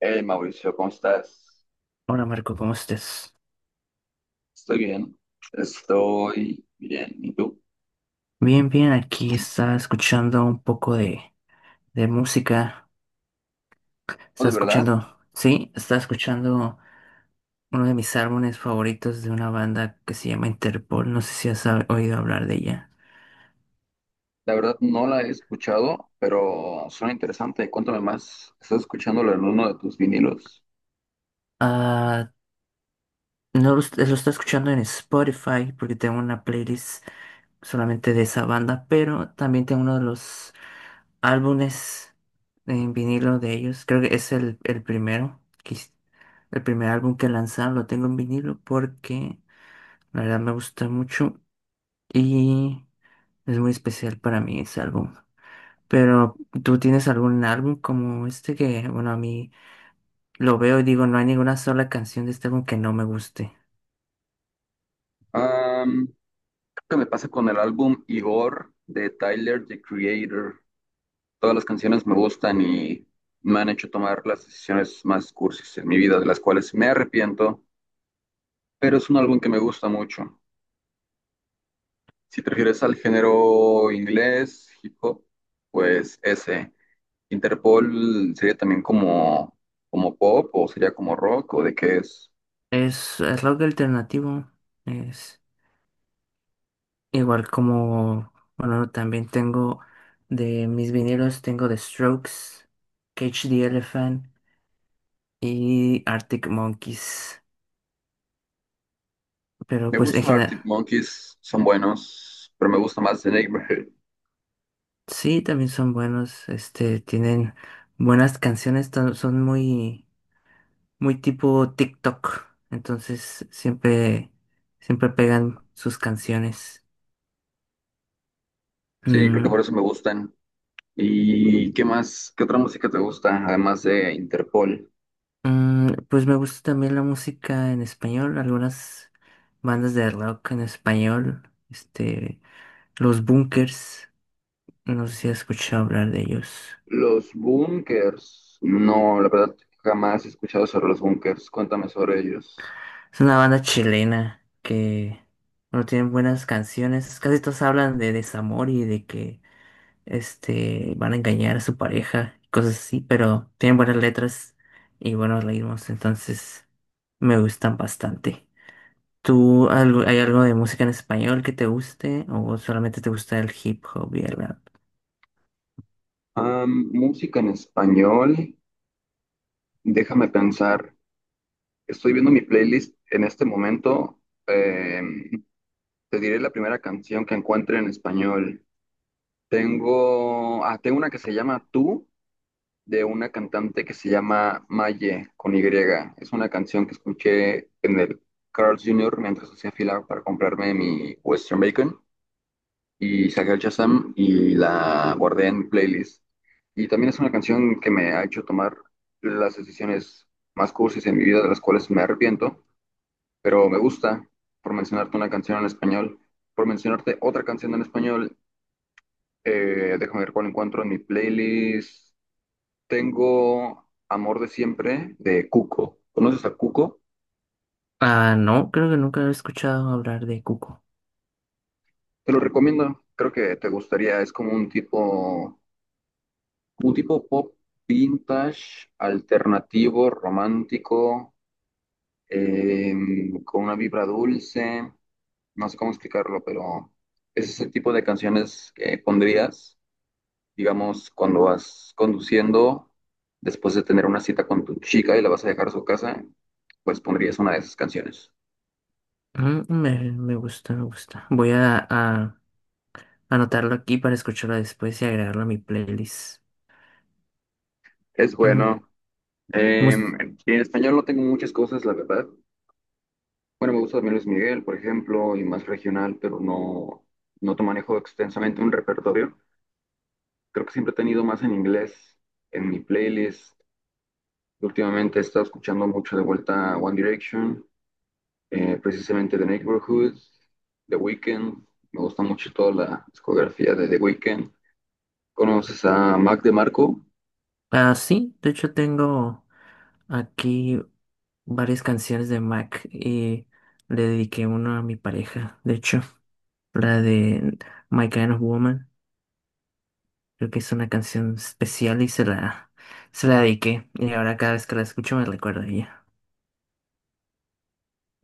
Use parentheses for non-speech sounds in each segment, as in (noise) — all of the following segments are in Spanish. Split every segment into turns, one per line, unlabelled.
Hey Mauricio, ¿cómo estás?
Hola Marco, ¿cómo estás?
Estoy bien, estoy bien. ¿Y tú?
Bien, bien, aquí está escuchando un poco de música.
Oh,
Está
de verdad,
escuchando, sí, está escuchando uno de mis álbumes favoritos de una banda que se llama Interpol. No sé si oído hablar de ella.
la verdad no la he escuchado, pero suena interesante. Cuéntame más. ¿Estás escuchándolo en uno de tus vinilos?
Ah, no lo, est- lo está escuchando en Spotify porque tengo una playlist solamente de esa banda, pero también tengo uno de los álbumes en vinilo de ellos. Creo que es el primero, el primer álbum que lanzaron. Lo tengo en vinilo porque la verdad me gusta mucho y es muy especial para mí ese álbum. Pero tú tienes algún álbum como este que, bueno, a mí lo veo y digo, no hay ninguna sola canción de este álbum que no me guste.
Am, Creo que me pasa con el álbum Igor de Tyler, The Creator. Todas las canciones me gustan y me han hecho tomar las decisiones más cursis en mi vida, de las cuales me arrepiento, pero es un álbum que me gusta mucho. Si te refieres al género inglés, hip hop, pues ese. Interpol sería también como pop o sería como rock o de qué es.
Es rock alternativo. Igual como, bueno, también tengo de mis vinilos, tengo The Strokes, Cage the Elephant y Arctic Monkeys. Pero
Me
pues en
gusta
general,
Arctic Monkeys, son buenos, pero me gusta más The Neighborhood.
sí, también son buenos, este, tienen buenas canciones, son muy, muy tipo TikTok. Entonces siempre, siempre pegan sus canciones.
Sí, creo que
Mm,
por eso me gustan. ¿Y qué más? ¿Qué otra música te gusta además de Interpol?
Pues me gusta también la música en español, algunas bandas de rock en español, este, Los Bunkers, no sé si has escuchado hablar de ellos.
Los Bunkers. No, la verdad jamás he escuchado sobre los Bunkers. Cuéntame sobre ellos.
Es una banda chilena que, bueno, tienen buenas canciones, casi todos hablan de desamor y de que, este, van a engañar a su pareja, y cosas así, pero tienen buenas letras y buenos ritmos, entonces me gustan bastante. ¿Tú algo, hay algo de música en español que te guste o solamente te gusta el hip hop y el rap?
Música en español. Déjame pensar, estoy viendo mi playlist en este momento. eh, Te diré la primera canción que encuentre en español. Tengo una que se llama Tú, de una cantante que se llama Maye con Y. Es una canción que escuché en el Carl's Jr. mientras hacía fila para comprarme mi Western Bacon y saqué el Shazam y la guardé en playlist. Y también es una canción que me ha hecho tomar las decisiones más cursis en mi vida, de las cuales me arrepiento, pero me gusta, por mencionarte una canción en español, por mencionarte otra canción en español, déjame ver cuál encuentro en mi playlist. Tengo Amor de Siempre de Cuco. ¿Conoces a Cuco?
Ah, no, creo que nunca he escuchado hablar de Cuco.
Te lo recomiendo, creo que te gustaría, es como un tipo como tipo pop vintage, alternativo, romántico, con una vibra dulce, no sé cómo explicarlo, pero es ese tipo de canciones que pondrías, digamos, cuando vas conduciendo, después de tener una cita con tu chica y la vas a dejar a su casa, pues pondrías una de esas canciones.
Mm, me gusta, me gusta. Voy a anotarlo aquí para escucharlo después y agregarlo a mi playlist.
Es
Mm,
bueno.
mus-
Em, en español no tengo muchas cosas, la verdad. Bueno, me gusta también Luis Miguel, por ejemplo, y más regional, pero no, no te manejo extensamente un repertorio. Creo que siempre he tenido más en inglés en mi playlist. Últimamente he estado escuchando mucho de vuelta One Direction, precisamente The Neighborhood, The Weeknd. Me gusta mucho toda la discografía de The Weeknd. ¿Conoces a Mac DeMarco?
ah, sí, de hecho tengo aquí varias canciones de Mac y le dediqué una a mi pareja, de hecho, la de My Kind of Woman. Creo que es una canción especial y se la dediqué. Y ahora cada vez que la escucho me recuerdo a ella.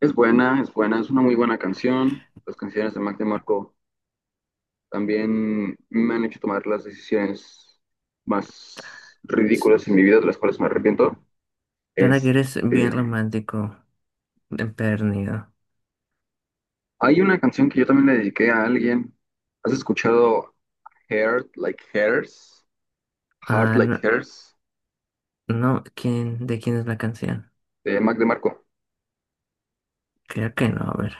Es buena, es buena, es una muy buena canción. Las canciones de Mac DeMarco también me han hecho tomar las decisiones más ridículas en mi vida, de las cuales me arrepiento.
Suena que
Es,
eres bien
eh,
romántico, empedernido.
Hay una canción que yo también le dediqué a alguien. ¿Has escuchado Heart Like Hers? Heart
Ah,
Like
no,
Hers
no, ¿quién, de quién es la canción?
de Mac DeMarco.
Creo que no, a ver.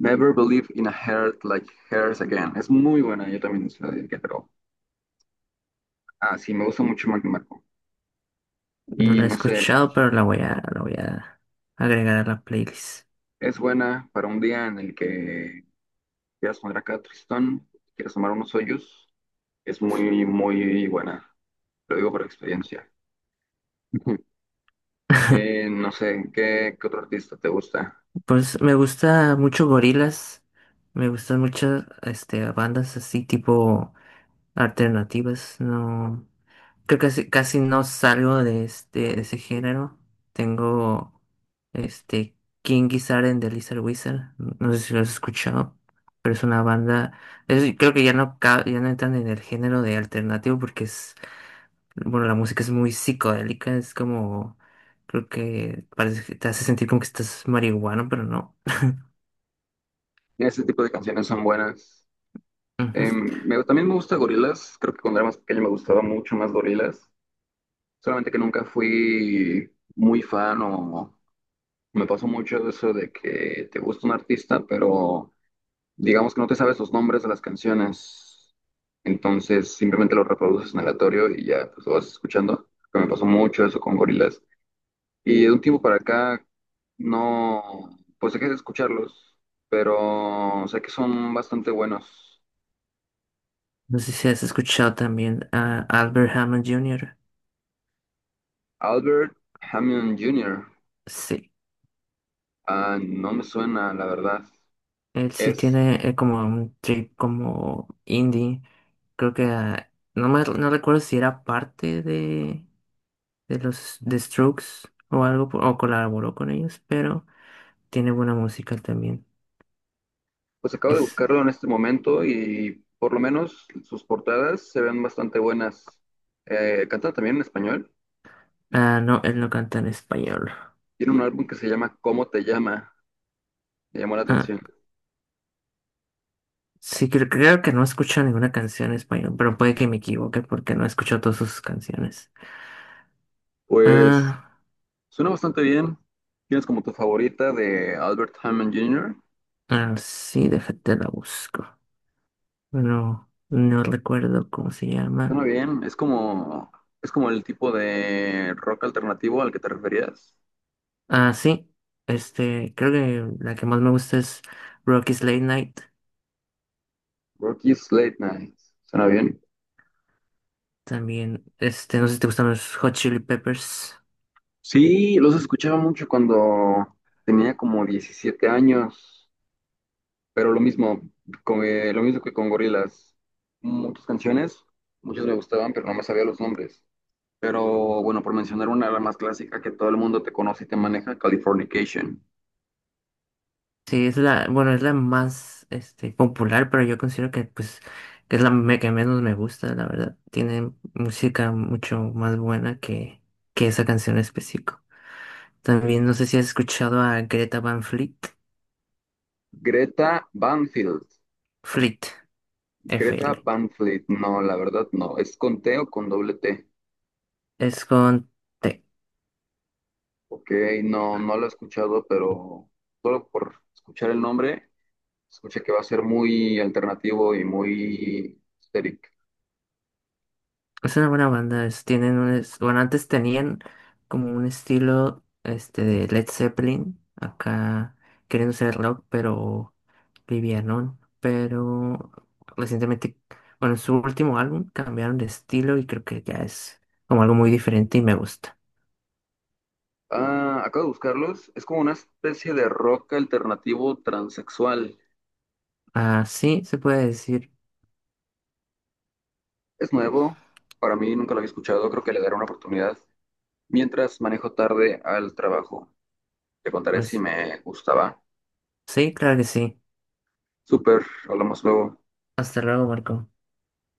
Never Believe in a Heart Like Hers Again. Es muy buena, yo también se la dediqué, pero ah, sí, me gusta mucho Mac DeMarco.
No
Y
la he
no sé,
escuchado, pero la voy a agregar a la playlist.
es buena para un día en el que quieras poner acá tristón, quieras tomar unos hoyos. Es muy, muy buena. Lo digo por experiencia. (laughs)
(laughs)
No sé, ¿qué otro artista te gusta?
Pues me gusta mucho Gorilas, me gustan muchas este, bandas así tipo alternativas, no. Creo que casi, casi no salgo de de ese género. Tengo este King Gizzard and the Lizard Wizard. No sé si lo has escuchado, pero es una banda. Creo que ya no ya no entran en el género de alternativo porque es bueno la música es muy psicodélica. Es como creo que parece que te hace sentir como que estás marihuano, pero no.
Ese tipo de canciones son buenas.
Ujú.
También me gusta Gorillaz. Creo que cuando era más pequeño me gustaba mucho más Gorillaz. Solamente que nunca fui muy fan o me pasó mucho eso de que te gusta un artista, pero digamos que no te sabes los nombres de las canciones. Entonces simplemente lo reproduces en aleatorio y ya pues, lo vas escuchando. Que me pasó mucho eso con Gorillaz. Y de un tiempo para acá no, pues dejé de escucharlos, pero sé que son bastante buenos.
No sé si has escuchado también a Albert Hammond Jr.
Albert Hammond Jr.
Sí.
Ah, no me suena, la verdad.
Él sí
Es,
tiene como un trip como indie. Creo que no me no recuerdo si era parte de los de Strokes o colaboró con ellos, pero tiene buena música también.
pues acabo de
Es
buscarlo en este momento y por lo menos sus portadas se ven bastante buenas. Canta también en español.
ah no, él no canta en español.
Tiene un álbum que se llama ¿Cómo te llama? Me llamó la
Ah,
atención.
sí creo, creo que no escucho ninguna canción en español, pero puede que me equivoque porque no escucho todas sus canciones.
Pues
Ah,
suena bastante bien. ¿Tienes como tu favorita de Albert Hammond Jr.?
ah, sí, déjate la busco. Bueno, no recuerdo cómo se llama.
Suena bien, es como el tipo de rock alternativo al que te referías.
Ah, sí. Este, creo que la que más me gusta es Rocky's Late Night.
Rocky's Late Night, suena bien.
También, este, no sé si te gustan los Hot Chili Peppers.
Sí, los escuchaba mucho cuando tenía como 17 años, pero lo mismo, lo mismo que con Gorillaz. Muchas canciones, muchas me gustaban, pero no me sabía los nombres. Pero bueno, por mencionar una, la más clásica que todo el mundo te conoce y te maneja, Californication.
Sí, es la, bueno, es la más, este, popular, pero yo considero que, pues, que es que menos me gusta, la verdad. Tiene música mucho más buena que esa canción en específico. También, no sé si has escuchado a Greta Van Fleet.
Greta Banfield.
Fleet, F
Greta
L.
Van Fleet, no, la verdad no. ¿Es con T o con doble T?
Es con T.
Ok, no, no lo he escuchado, pero solo por escuchar el nombre, escuché que va a ser muy alternativo y muy histérico.
Es una buena banda, tienen un, bueno, antes tenían como un estilo este de Led Zeppelin, acá queriendo ser rock, pero livianón, pero recientemente, bueno, en su último álbum cambiaron de estilo y creo que ya es como algo muy diferente y me gusta.
Ah, acabo de buscarlos. Es como una especie de rock alternativo transexual.
Ah, sí, se puede decir,
Es nuevo, para mí nunca lo había escuchado, creo que le daré una oportunidad. Mientras manejo tarde al trabajo, te contaré si
pues
me gustaba.
sí, claro que sí.
Súper, hablamos luego.
Hasta luego, Marco.